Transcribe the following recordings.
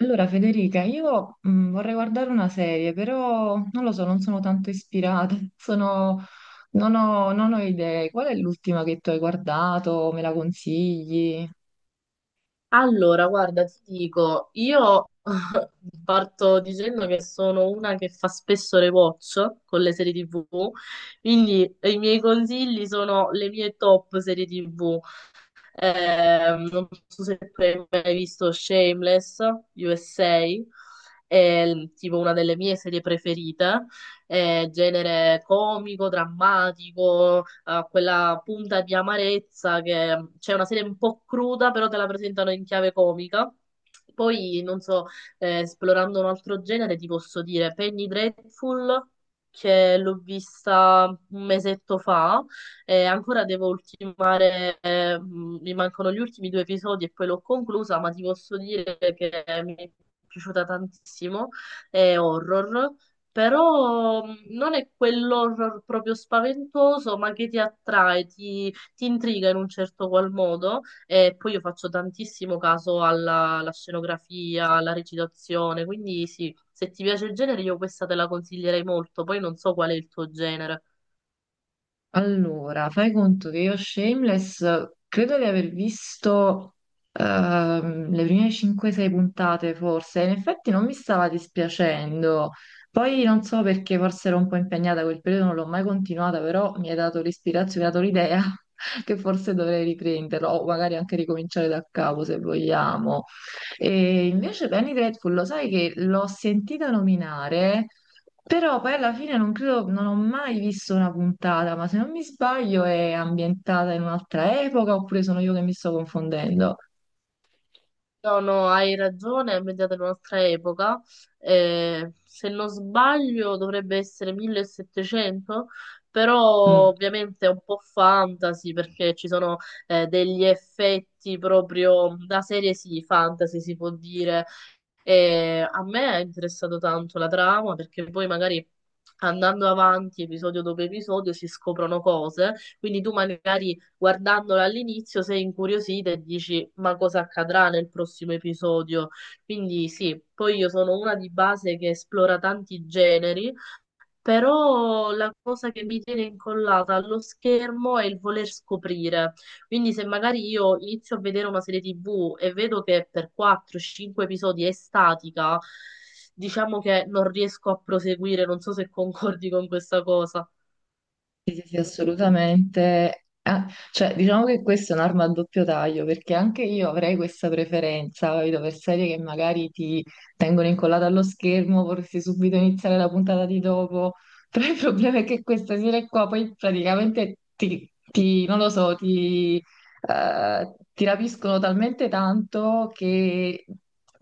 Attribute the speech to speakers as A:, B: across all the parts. A: Allora, Federica, io vorrei guardare una serie, però non lo so, non sono tanto ispirata, non ho idee. Qual è l'ultima che tu hai guardato? Me la consigli?
B: Allora, guarda, ti dico, io parto dicendo che sono una che fa spesso rewatch con le serie TV, quindi i miei consigli sono le mie top serie TV. Non so se tu hai mai visto Shameless USA, tipo una delle mie serie preferite, è genere comico, drammatico, ha quella punta di amarezza che c'è una serie un po' cruda, però te la presentano in chiave comica. Poi, non so, esplorando un altro genere, ti posso dire Penny Dreadful, che l'ho vista un mesetto fa ancora devo ultimare, mi mancano gli ultimi due episodi e poi l'ho conclusa, ma ti posso dire che mi è piaciuta tantissimo. È horror, però non è quell'horror proprio spaventoso, ma che ti attrae, ti intriga in un certo qual modo. E poi io faccio tantissimo caso alla scenografia, alla recitazione, quindi sì, se ti piace il genere io questa te la consiglierei molto, poi non so qual è il tuo genere.
A: Allora, fai conto che io Shameless credo di aver visto le prime 5-6 puntate forse, in effetti non mi stava dispiacendo, poi non so perché forse ero un po' impegnata quel periodo, non l'ho mai continuata, però mi hai dato l'ispirazione, mi hai dato l'idea che forse dovrei riprenderlo o magari anche ricominciare da capo se vogliamo. E invece Penny Dreadful, lo sai che l'ho sentita nominare. Però poi alla fine non credo, non ho mai visto una puntata, ma se non mi sbaglio è ambientata in un'altra epoca oppure sono io che mi sto confondendo?
B: No, no, hai ragione, è media della nostra epoca. Se non sbaglio dovrebbe essere 1700, però
A: Mm.
B: ovviamente è un po' fantasy perché ci sono degli effetti proprio da serie sì, fantasy si può dire, e a me è interessato tanto la trama perché poi magari andando avanti episodio dopo episodio si scoprono cose, quindi tu magari guardandola all'inizio sei incuriosita e dici ma cosa accadrà nel prossimo episodio. Quindi sì, poi io sono una di base che esplora tanti generi però la cosa che mi tiene incollata allo schermo è il voler scoprire. Quindi se magari io inizio a vedere una serie TV e vedo che per 4-5 episodi è statica, diciamo che non riesco a proseguire, non so se concordi con questa cosa.
A: Sì, sì, sì, assolutamente. Ah, cioè, diciamo che questa è un'arma a doppio taglio, perché anche io avrei questa preferenza, capito, per serie che magari ti tengono incollato allo schermo, vorresti subito iniziare la puntata di dopo, però il problema è che questa serie qua poi praticamente non lo so, ti rapiscono talmente tanto che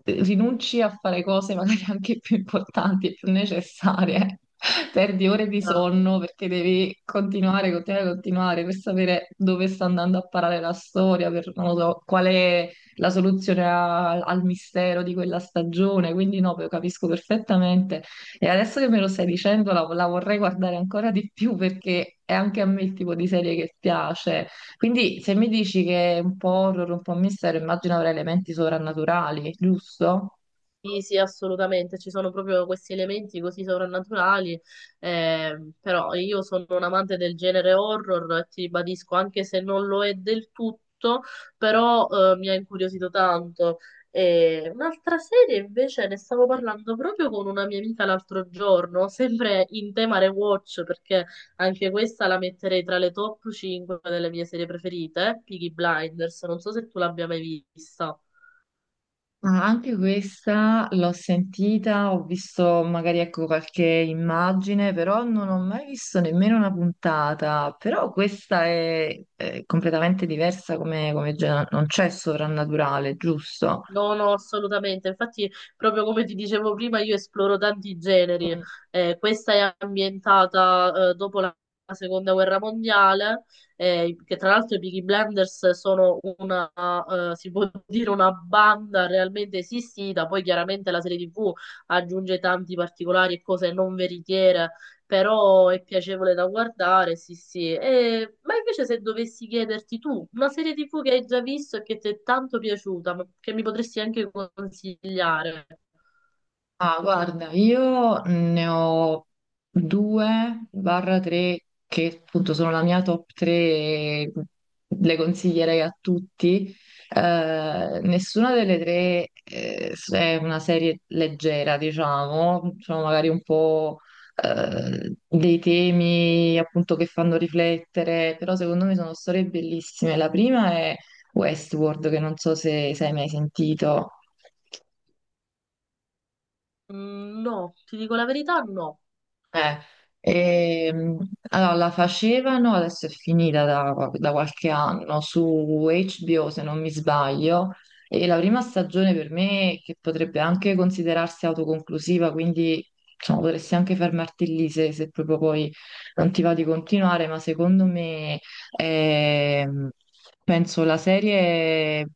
A: rinunci a fare cose magari anche più importanti e più necessarie. Perdi ore di sonno perché devi continuare, continuare, continuare per sapere dove sta andando a parare la storia, per non lo so, qual è la soluzione al mistero di quella stagione. Quindi no, lo capisco perfettamente. E adesso che me lo stai dicendo, la vorrei guardare ancora di più perché è anche a me il tipo di serie che piace. Quindi se mi dici che è un po' horror, un po' mistero, immagino avrà elementi sovrannaturali, giusto?
B: Sì, sì, assolutamente, ci sono proprio questi elementi così sovrannaturali, però io sono un amante del genere horror, e ti ribadisco, anche se non lo è del tutto, però mi ha incuriosito tanto. E un'altra serie invece ne stavo parlando proprio con una mia amica l'altro giorno, sempre in tema rewatch, perché anche questa la metterei tra le top 5 delle mie serie preferite, Peaky Blinders, non so se tu l'abbia mai vista.
A: Ah, anche questa l'ho sentita, ho visto magari ecco qualche immagine, però non ho mai visto nemmeno una puntata. Però questa è completamente diversa come, come genere, non c'è sovrannaturale, giusto?
B: No, no, assolutamente. Infatti, proprio come ti dicevo prima, io esploro tanti generi. Questa è ambientata dopo la seconda guerra mondiale, che tra l'altro i Peaky Blinders sono una, si può dire una banda realmente esistita. Poi chiaramente la serie TV aggiunge tanti particolari e cose non veritiere però è piacevole da guardare, sì, sì. Ma invece se dovessi chiederti tu, una serie TV che hai già visto e che ti è tanto piaciuta, ma che mi potresti anche consigliare?
A: Ah, guarda, io ne ho due barra tre che appunto sono la mia top tre e le consiglierei a tutti. Nessuna delle tre è una serie leggera, diciamo, sono magari un po' dei temi appunto che fanno riflettere, però secondo me sono storie bellissime. La prima è Westworld, che non so se hai mai sentito.
B: Mm, no, ti dico la verità, no.
A: Eh, ehm, allora, la facevano, adesso è finita da qualche anno, su HBO se non mi sbaglio, e la prima stagione per me, che potrebbe anche considerarsi autoconclusiva, quindi diciamo, potresti anche fermarti lì se proprio poi non ti va di continuare, ma secondo me ehm, penso la serie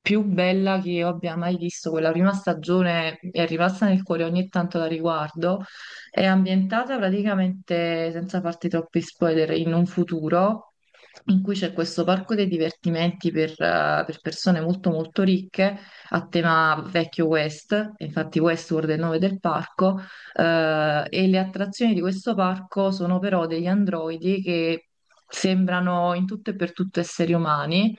A: più bella che io abbia mai visto, quella prima stagione mi è rimasta nel cuore, ogni tanto la riguardo. È ambientata praticamente, senza farti troppi spoiler, in un futuro in cui c'è questo parco dei divertimenti per persone molto molto ricche a tema vecchio West, infatti Westworld è il nome del parco, e le attrazioni di questo parco sono però degli androidi che sembrano in tutto e per tutto esseri umani.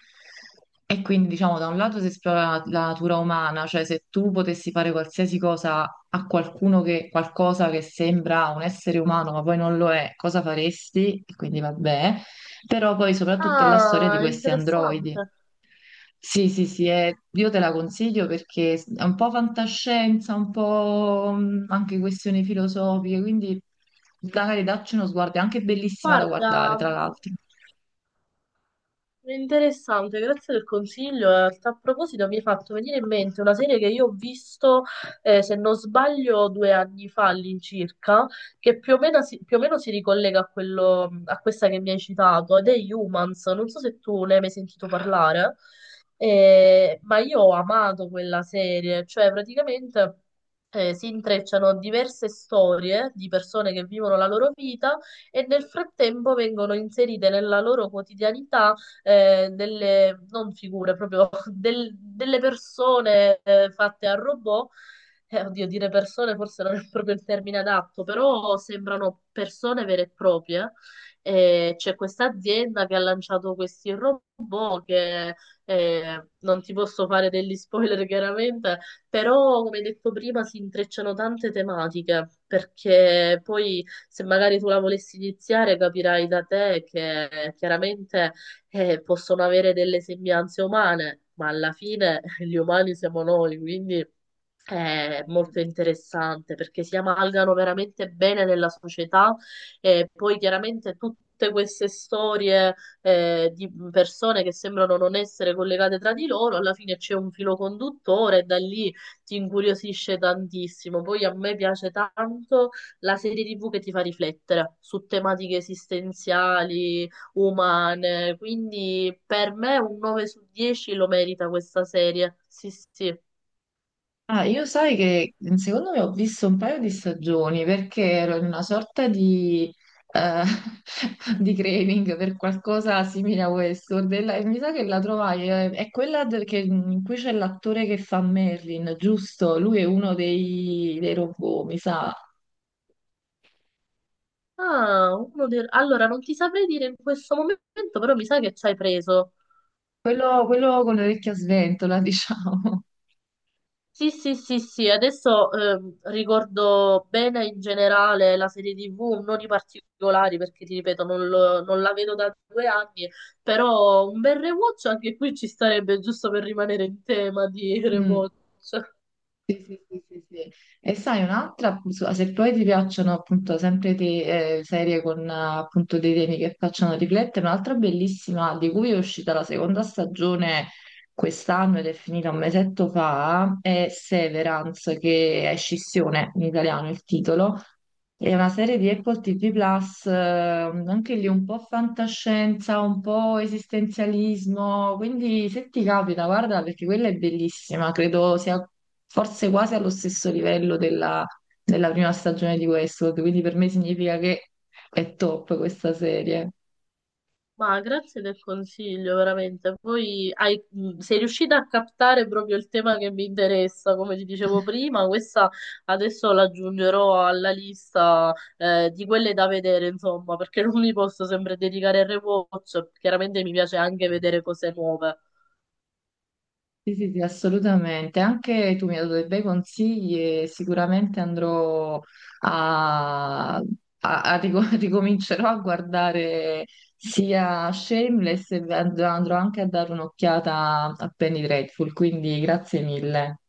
A: E quindi, diciamo, da un lato si esplora la natura umana, cioè se tu potessi fare qualsiasi cosa a qualcuno che qualcosa che sembra un essere umano, ma poi non lo è, cosa faresti? E quindi vabbè. Però poi soprattutto è la storia di
B: Ah,
A: questi androidi.
B: interessante.
A: Sì, sì, sì, io te la consiglio perché è un po' fantascienza, un po' anche questioni filosofiche, quindi magari dacci uno sguardo, è anche bellissima da
B: Guarda.
A: guardare, tra l'altro.
B: Interessante, grazie del consiglio. In realtà, a proposito, mi hai fatto venire in mente una serie che io ho visto, se non sbaglio, 2 anni fa all'incirca, che più o meno si ricollega a quello, a questa che mi hai citato, ed è Humans. Non so se tu ne hai mai sentito parlare, ma io ho amato quella serie, cioè praticamente. Si intrecciano diverse storie di persone che vivono la loro vita e nel frattempo vengono inserite nella loro quotidianità delle, non figure, proprio delle persone fatte a robot. Oddio, dire persone forse non è proprio il termine adatto, però sembrano persone vere e proprie. C'è questa azienda che ha lanciato questi robot che non ti posso fare degli spoiler chiaramente, però come detto prima si intrecciano tante tematiche perché poi se magari tu la volessi iniziare capirai da te che chiaramente possono avere delle sembianze umane, ma alla fine gli umani siamo noi, quindi è molto interessante perché si amalgano veramente bene nella società e poi chiaramente tutte queste storie di persone che sembrano non essere collegate tra di loro, alla fine c'è un filo conduttore e da lì ti incuriosisce tantissimo. Poi a me piace tanto la serie TV che ti fa riflettere su tematiche esistenziali, umane, quindi per me un 9 su 10 lo merita questa serie. Sì, sì.
A: Ah, io sai che secondo me ho visto un paio di stagioni perché ero in una sorta di, eh, di craving per qualcosa simile a Westworld e mi sa che la trovai, è quella in cui c'è l'attore che fa Merlin, giusto? Lui è uno dei robot, mi sa.
B: Ah, uno allora non ti saprei dire in questo momento, però mi sa che ci hai preso.
A: Quello con l'orecchia sventola, diciamo.
B: Sì, sì, sì, sì, adesso ricordo bene in generale la serie TV, non i particolari perché ti ripeto non la vedo da 2 anni, però un bel rewatch anche qui ci starebbe giusto per rimanere in tema di
A: Mm.
B: rewatch.
A: Sì, sì, sì, sì, sì. E sai, un'altra, se poi ti piacciono appunto sempre serie con appunto dei temi che facciano riflettere, un'altra bellissima di cui è uscita la seconda stagione quest'anno ed è finita un mesetto fa, è Severance, che è Scissione in italiano il titolo, è una serie di Apple TV Plus, anche lì un po' fantascienza, un po' esistenzialismo, quindi se ti capita, guarda, perché quella è bellissima, credo sia forse quasi allo stesso livello della prima stagione di Westworld, quindi per me significa che è top questa serie.
B: Ma grazie del consiglio, veramente. Poi sei riuscita a captare proprio il tema che mi interessa, come ti dicevo prima, questa adesso la aggiungerò alla lista di quelle da vedere, insomma, perché non mi posso sempre dedicare al rewatch, chiaramente mi piace anche vedere cose nuove.
A: Sì, sì, sì, assolutamente. Anche tu mi hai dato dei bei consigli e sicuramente andrò a ricomincerò a guardare sia Shameless e andrò anche a dare un'occhiata a Penny Dreadful, quindi grazie mille.